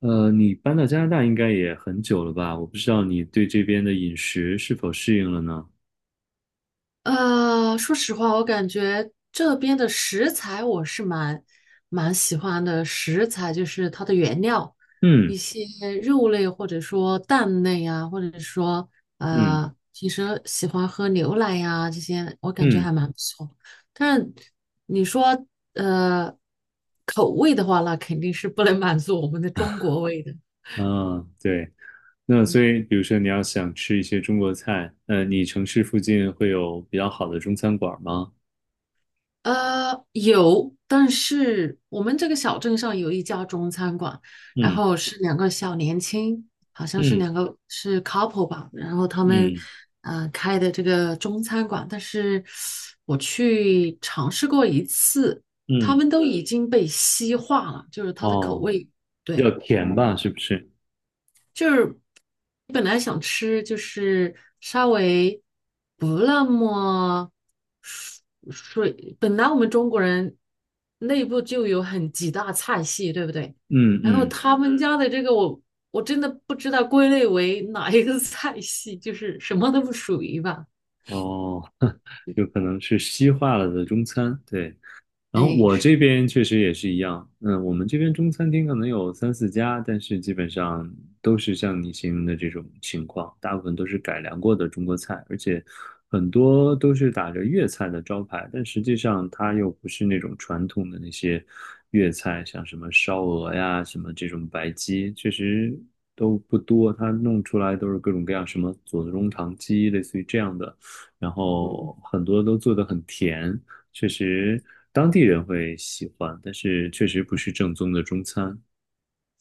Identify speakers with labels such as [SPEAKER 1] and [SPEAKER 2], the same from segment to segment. [SPEAKER 1] 你搬到加拿大应该也很久了吧？我不知道你对这边的饮食是否适应了呢？
[SPEAKER 2] 说实话，我感觉这边的食材我是蛮喜欢的。食材就是它的原料，一
[SPEAKER 1] 嗯
[SPEAKER 2] 些肉类或者说蛋类啊，或者说
[SPEAKER 1] 嗯
[SPEAKER 2] 平时喜欢喝牛奶呀、这些，我感觉
[SPEAKER 1] 嗯，
[SPEAKER 2] 还蛮不错。但是你说呃口味的话，那肯定是不能满足我们的中国味的。
[SPEAKER 1] 啊，对。那所
[SPEAKER 2] 嗯。
[SPEAKER 1] 以，比如说你要想吃一些中国菜，你城市附近会有比较好的中餐馆吗？
[SPEAKER 2] 有，但是我们这个小镇上有一家中餐馆，然
[SPEAKER 1] 嗯
[SPEAKER 2] 后是两个小年轻，好像是
[SPEAKER 1] 嗯
[SPEAKER 2] 两个是 couple 吧，然后他们
[SPEAKER 1] 嗯
[SPEAKER 2] 开的这个中餐馆，但是我去尝试过一次，他
[SPEAKER 1] 嗯，
[SPEAKER 2] 们都已经被西化了，就是它的口
[SPEAKER 1] 哦，
[SPEAKER 2] 味，
[SPEAKER 1] 比较
[SPEAKER 2] 对。
[SPEAKER 1] 甜吧，是不是？
[SPEAKER 2] 就是本来想吃，就是稍微不那么水本来我们中国人内部就有很几大菜系，对不对？
[SPEAKER 1] 嗯
[SPEAKER 2] 然后
[SPEAKER 1] 嗯，
[SPEAKER 2] 他们家的这个我真的不知道归类为哪一个菜系，就是什么都不属于吧。
[SPEAKER 1] 哦，有可能是西化了的中餐，对。然后
[SPEAKER 2] 哎，
[SPEAKER 1] 我
[SPEAKER 2] 是，
[SPEAKER 1] 这边确实也是一样，嗯，我们这边中餐厅可能有三四家，但是基本上都是像你形容的这种情况，大部分都是改良过的中国菜，而且很多都是打着粤菜的招牌，但实际上它又不是那种传统的那些粤菜，像什么烧鹅呀，什么这种白鸡，确实都不多，它弄出来都是各种各样什么左宗棠鸡，类似于这样的，然
[SPEAKER 2] 嗯。
[SPEAKER 1] 后很多都做得很甜。确实当地人会喜欢，但是确实不是正宗的中餐。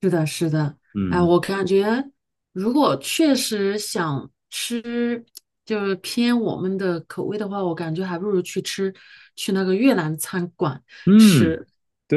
[SPEAKER 2] 是的，是的，哎，
[SPEAKER 1] 嗯
[SPEAKER 2] 我感觉如果确实想吃，就是偏我们的口味的话，我感觉还不如去吃去那个越南餐馆
[SPEAKER 1] 嗯，
[SPEAKER 2] 吃，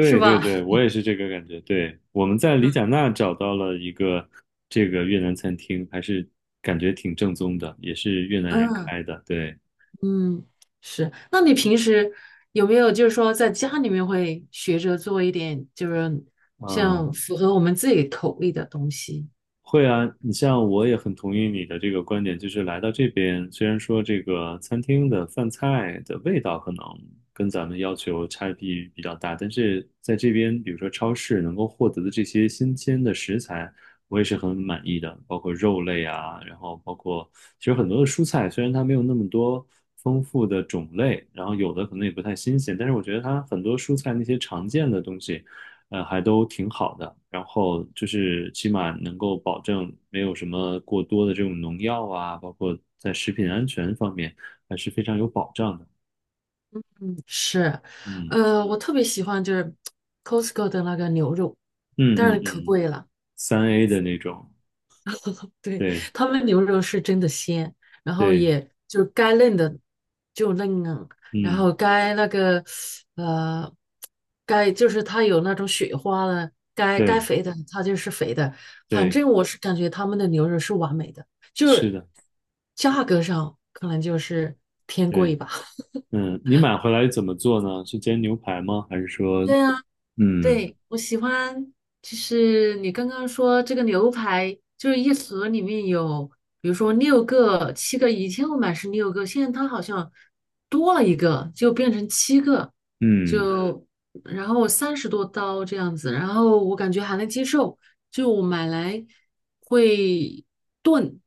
[SPEAKER 2] 是
[SPEAKER 1] 对
[SPEAKER 2] 吧？
[SPEAKER 1] 对，我也是这个感觉。对，我们在里贾纳找到了一个这个越南餐厅，还是感觉挺正宗的，也是越南人
[SPEAKER 2] 嗯
[SPEAKER 1] 开的。对
[SPEAKER 2] 嗯，是。那你平时有没有就是说在家里面会学着做一点，就是
[SPEAKER 1] 啊，
[SPEAKER 2] 像符合我们自己口味的东西？
[SPEAKER 1] 会啊，你像我也很同意你的这个观点，就是来到这边，虽然说这个餐厅的饭菜的味道可能跟咱们要求差异比较大，但是在这边，比如说超市能够获得的这些新鲜的食材，我也是很满意的，包括肉类啊，然后包括其实很多的蔬菜，虽然它没有那么多丰富的种类，然后有的可能也不太新鲜，但是我觉得它很多蔬菜那些常见的东西。还都挺好的。然后就是起码能够保证没有什么过多的这种农药啊，包括在食品安全方面还是非常有保障的。
[SPEAKER 2] 是，
[SPEAKER 1] 嗯
[SPEAKER 2] 我特别喜欢就是 Costco 的那个牛肉，当
[SPEAKER 1] 嗯嗯
[SPEAKER 2] 然可
[SPEAKER 1] 嗯，
[SPEAKER 2] 贵了。
[SPEAKER 1] 3A 的那种，
[SPEAKER 2] 对，
[SPEAKER 1] 对
[SPEAKER 2] 他们牛肉是真的鲜，然后
[SPEAKER 1] 对，
[SPEAKER 2] 也就是该嫩的就嫩啊，然
[SPEAKER 1] 嗯
[SPEAKER 2] 后该那个呃，就是它有那种雪花的，该
[SPEAKER 1] 对
[SPEAKER 2] 肥的它就是肥的，反
[SPEAKER 1] 对，
[SPEAKER 2] 正我是感觉他们的牛肉是完美的，就
[SPEAKER 1] 是
[SPEAKER 2] 是
[SPEAKER 1] 的，
[SPEAKER 2] 价格上可能就是偏贵
[SPEAKER 1] 对，
[SPEAKER 2] 吧。
[SPEAKER 1] 嗯，你买回来怎么做呢？是煎牛排吗？还是说，
[SPEAKER 2] 对呀。
[SPEAKER 1] 嗯
[SPEAKER 2] 对，我喜欢，就是你刚刚说这个牛排，就是一盒里面有，比如说六个、七个，以前我买是六个，现在它好像多了一个，就变成七个，
[SPEAKER 1] 嗯
[SPEAKER 2] 就然后三十多刀这样子，然后我感觉还能接受，就我买来会炖，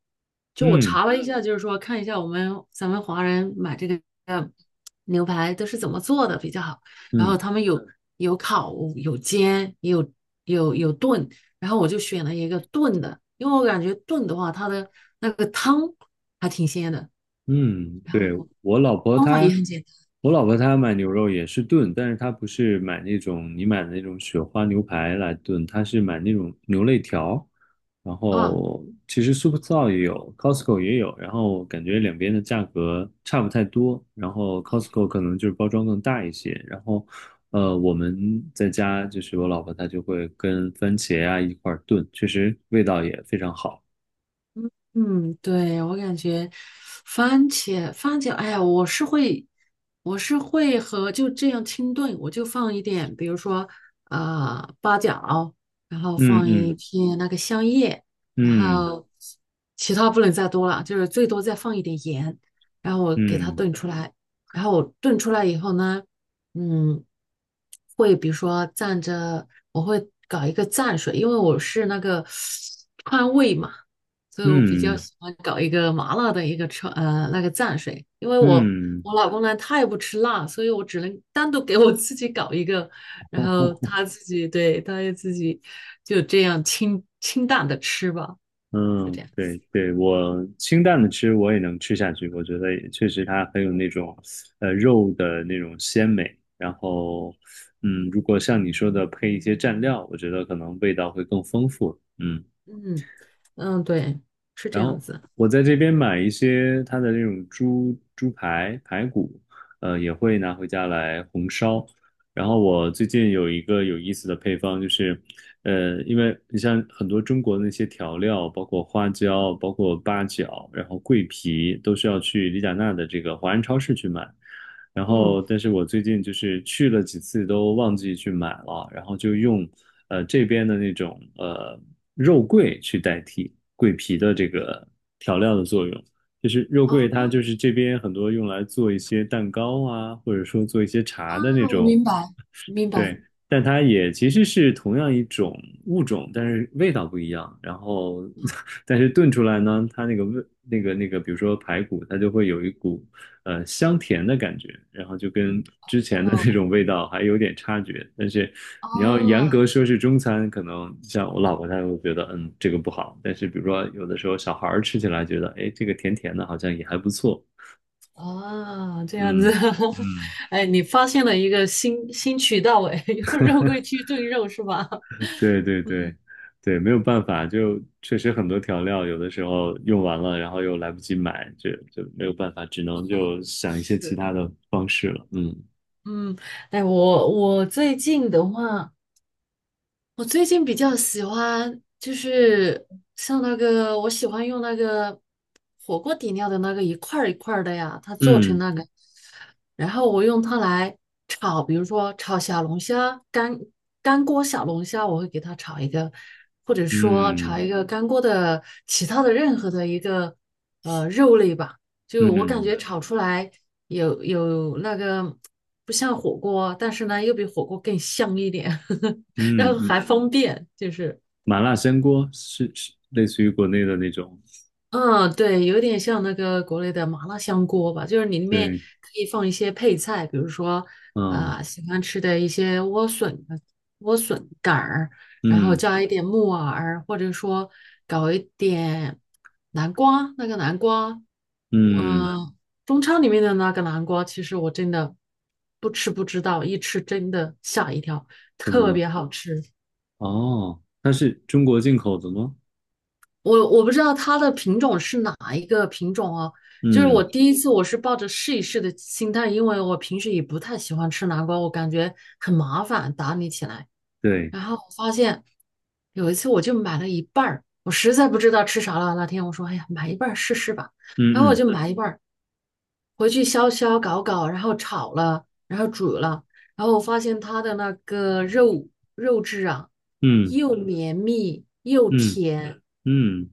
[SPEAKER 2] 就我
[SPEAKER 1] 嗯
[SPEAKER 2] 查了一下，就是说看一下我们咱们华人买这个牛排都是怎么做的比较好。然后
[SPEAKER 1] 嗯
[SPEAKER 2] 他们有烤，有煎，也有炖，然后我就选了一个炖的，因为我感觉炖的话，它的那个汤还挺鲜的，
[SPEAKER 1] 嗯，对，我老婆
[SPEAKER 2] 方法也
[SPEAKER 1] 她，
[SPEAKER 2] 很简
[SPEAKER 1] 我老婆她买牛肉也是炖，但是她不是买那种你买的那种雪花牛排来炖，她是买那种牛肋条，然
[SPEAKER 2] 单啊。
[SPEAKER 1] 后其实 Superstore 也有，Costco 也有，然后感觉两边的价格差不太多，然后 Costco 可能就是包装更大一些，然后我们在家就是我老婆她就会跟番茄啊一块儿炖，确实味道也非常好。
[SPEAKER 2] 嗯，对，我感觉番茄，番茄，哎呀，我是会和就这样清炖，我就放一点，比如说啊八角，然后
[SPEAKER 1] 嗯
[SPEAKER 2] 放一
[SPEAKER 1] 嗯
[SPEAKER 2] 片那个香叶，然
[SPEAKER 1] 嗯
[SPEAKER 2] 后其他不能再多了，就是最多再放一点盐，然后我给它
[SPEAKER 1] 嗯
[SPEAKER 2] 炖出来，然后我炖出来以后呢，嗯，会比如说蘸着，我会搞一个蘸水，因为我是那个 川味嘛。所以我比
[SPEAKER 1] 嗯。
[SPEAKER 2] 较喜欢搞一个麻辣的一个川那个蘸水，因为我
[SPEAKER 1] 嗯
[SPEAKER 2] 我老公呢他也不吃辣，所以我只能单独给我自己搞一个，然后他自己对他也自己就这样清清淡的吃吧，是这
[SPEAKER 1] 嗯，
[SPEAKER 2] 样
[SPEAKER 1] 对
[SPEAKER 2] 子。
[SPEAKER 1] 对，我清淡的吃我也能吃下去，我觉得也确实它很有那种肉的那种鲜美，然后，如果像你说的配一些蘸料，我觉得可能味道会更丰富。嗯
[SPEAKER 2] 嗯嗯，对，是这
[SPEAKER 1] 然
[SPEAKER 2] 样
[SPEAKER 1] 后
[SPEAKER 2] 子。
[SPEAKER 1] 我在这边买一些它的那种猪猪排排骨，也会拿回家来红烧。然后我最近有一个有意思的配方，就是，因为你像很多中国那些调料，包括花椒、包括八角，然后桂皮，都需要去李甲娜的这个华人超市去买。然后，
[SPEAKER 2] 嗯
[SPEAKER 1] 但是我最近就是去了几次都忘记去买了，然后就用这边的那种肉桂去代替桂皮的这个调料的作用。就是肉桂，
[SPEAKER 2] 啊
[SPEAKER 1] 它就是这边很多用来做一些蛋糕啊，或者说做一些
[SPEAKER 2] 啊，
[SPEAKER 1] 茶的那
[SPEAKER 2] 我
[SPEAKER 1] 种
[SPEAKER 2] 明白明白。
[SPEAKER 1] 对，但它也其实是同样一种物种，但是味道不一样。然后，但是炖出来呢，它那个味，那个，比如说排骨，它就会有一股香甜的感觉，然后就跟之前的那种
[SPEAKER 2] 哦
[SPEAKER 1] 味道还有点差距。但是
[SPEAKER 2] 啊
[SPEAKER 1] 你要严格说是中餐，可能像我老婆她会觉得，嗯，这个不好。但是比如说有的时候小孩儿吃起来觉得，哎，这个甜甜的，好像也还不错。
[SPEAKER 2] 啊，这样子，
[SPEAKER 1] 嗯 嗯，
[SPEAKER 2] 哎，你发现了一个新渠道哎，用肉桂去炖肉是吧？
[SPEAKER 1] 对对对
[SPEAKER 2] 嗯
[SPEAKER 1] 对，没有办法，就确实很多调料有的时候用完了，然后又来不及买，就没有办法，只能就想一些其
[SPEAKER 2] 是，
[SPEAKER 1] 他的方式了。嗯
[SPEAKER 2] 嗯，哎，我最近的话，我最近比较喜欢就是像那个，我喜欢用那个火锅底料的那个一块儿一块儿的呀，它做成
[SPEAKER 1] 嗯
[SPEAKER 2] 那个，然后我用它来炒，比如说炒小龙虾，干锅小龙虾，我会给它炒一个，或者说炒
[SPEAKER 1] 嗯
[SPEAKER 2] 一个干锅的其他的任何的一个肉类吧，就我感
[SPEAKER 1] 嗯
[SPEAKER 2] 觉炒出来有那个不像火锅，但是呢又比火锅更香一点。然
[SPEAKER 1] 嗯，
[SPEAKER 2] 后还方便，就是
[SPEAKER 1] 麻辣香锅是类似于国内的那种，
[SPEAKER 2] 嗯，对，有点像那个国内的麻辣香锅吧，就是你里面
[SPEAKER 1] 对，
[SPEAKER 2] 可以放一些配菜，比如说
[SPEAKER 1] 嗯
[SPEAKER 2] 啊、喜欢吃的一些莴笋、莴笋杆儿，然后
[SPEAKER 1] 嗯
[SPEAKER 2] 加一点木耳，或者说搞一点南瓜，那个南瓜，
[SPEAKER 1] 嗯，
[SPEAKER 2] 嗯、中超里面的那个南瓜，其实我真的不吃不知道，一吃真的吓一跳，
[SPEAKER 1] 怎么
[SPEAKER 2] 特
[SPEAKER 1] 了？
[SPEAKER 2] 别好吃。
[SPEAKER 1] 哦，它是中国进口的吗？
[SPEAKER 2] 我不知道它的品种是哪一个品种哦，就是
[SPEAKER 1] 嗯，
[SPEAKER 2] 我第一次我是抱着试一试的心态，因为我平时也不太喜欢吃南瓜，我感觉很麻烦打理起来。
[SPEAKER 1] 对，
[SPEAKER 2] 然后我发现有一次我就买了一半儿，我实在不知道吃啥了。那天我说，哎呀，买一半儿试试吧。然后我
[SPEAKER 1] 嗯
[SPEAKER 2] 就
[SPEAKER 1] 嗯
[SPEAKER 2] 买一半儿回去削削搞搞，然后炒了，然后煮了，然后我发现它的那个肉质啊，
[SPEAKER 1] 嗯
[SPEAKER 2] 又绵密又
[SPEAKER 1] 嗯
[SPEAKER 2] 甜。
[SPEAKER 1] 嗯，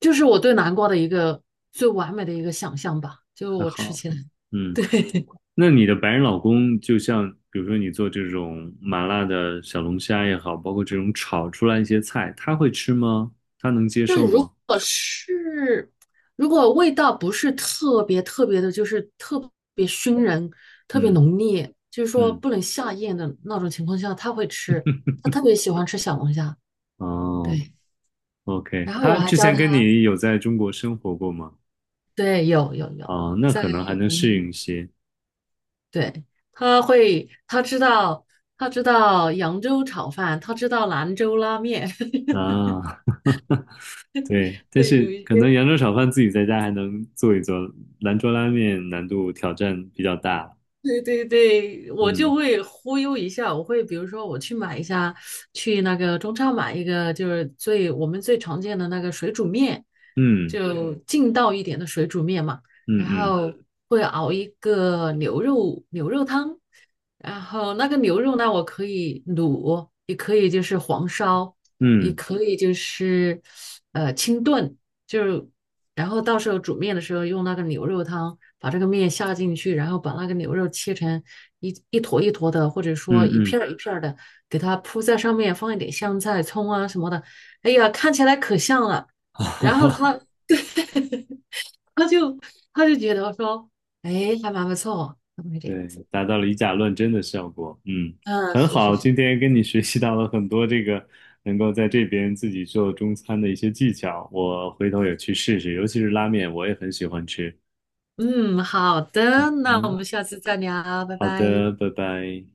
[SPEAKER 2] 就是我对南瓜的一个最完美的一个想象吧，就是
[SPEAKER 1] 还
[SPEAKER 2] 我吃
[SPEAKER 1] 好，
[SPEAKER 2] 起来，
[SPEAKER 1] 嗯。
[SPEAKER 2] 对，
[SPEAKER 1] 那你的白人老公，就像比如说你做这种麻辣的小龙虾也好，包括这种炒出来一些菜，他会吃吗？他能接
[SPEAKER 2] 就是
[SPEAKER 1] 受
[SPEAKER 2] 如
[SPEAKER 1] 吗？
[SPEAKER 2] 果是如果味道不是特别特别的，就是特别熏人、特别
[SPEAKER 1] 嗯
[SPEAKER 2] 浓烈，就是说
[SPEAKER 1] 嗯，
[SPEAKER 2] 不能下咽的那种情况下，他会吃，他特别喜欢吃小龙虾，
[SPEAKER 1] 哦
[SPEAKER 2] 对，
[SPEAKER 1] ，OK，
[SPEAKER 2] 然后我
[SPEAKER 1] 他
[SPEAKER 2] 还
[SPEAKER 1] 之
[SPEAKER 2] 教
[SPEAKER 1] 前跟
[SPEAKER 2] 他，
[SPEAKER 1] 你有在中国生活过吗？
[SPEAKER 2] 对，有有有，
[SPEAKER 1] 哦，那
[SPEAKER 2] 在
[SPEAKER 1] 可能还能
[SPEAKER 2] 我
[SPEAKER 1] 适应
[SPEAKER 2] 们
[SPEAKER 1] 一些
[SPEAKER 2] 对，他会他知道他知道扬州炒饭，他知道兰州拉面。
[SPEAKER 1] 啊。对，但
[SPEAKER 2] 对，
[SPEAKER 1] 是
[SPEAKER 2] 有一
[SPEAKER 1] 可能
[SPEAKER 2] 些
[SPEAKER 1] 扬州炒饭自己在家还能做一做，兰州拉面难度挑战比较大。
[SPEAKER 2] 对对对，我就
[SPEAKER 1] 嗯
[SPEAKER 2] 会忽悠一下，我会比如说我去买一下，去那个中超买一个，就是我们最常见的那个水煮面，
[SPEAKER 1] 嗯
[SPEAKER 2] 就劲道一点的水煮面嘛，
[SPEAKER 1] 嗯
[SPEAKER 2] 然
[SPEAKER 1] 嗯
[SPEAKER 2] 后会熬一个牛肉汤，然后那个牛肉呢，我可以卤，也可以就是黄烧，也
[SPEAKER 1] 嗯
[SPEAKER 2] 可以就是清炖，就是。然后到时候煮面的时候用那个牛肉汤把这个面下进去，然后把那个牛肉切成一坨一坨的，或者说
[SPEAKER 1] 嗯
[SPEAKER 2] 一片
[SPEAKER 1] 嗯，
[SPEAKER 2] 儿一片儿的，给它铺在上面，放一点香菜、葱啊什么的。哎呀，看起来可像了。
[SPEAKER 1] 哈
[SPEAKER 2] 然后
[SPEAKER 1] 哈。
[SPEAKER 2] 他就他觉得说，哎，还蛮不错，那么一点。
[SPEAKER 1] 对，达到了以假乱真的效果。嗯，
[SPEAKER 2] 嗯，
[SPEAKER 1] 很
[SPEAKER 2] 是是
[SPEAKER 1] 好，
[SPEAKER 2] 是，
[SPEAKER 1] 今天跟你学习到了很多这个能够在这边自己做中餐的一些技巧，我回头也去试试，尤其是拉面，我也很喜欢吃。
[SPEAKER 2] 嗯，好的，那我
[SPEAKER 1] 嗯，
[SPEAKER 2] 们下次再聊，拜
[SPEAKER 1] 好
[SPEAKER 2] 拜。
[SPEAKER 1] 的，拜拜。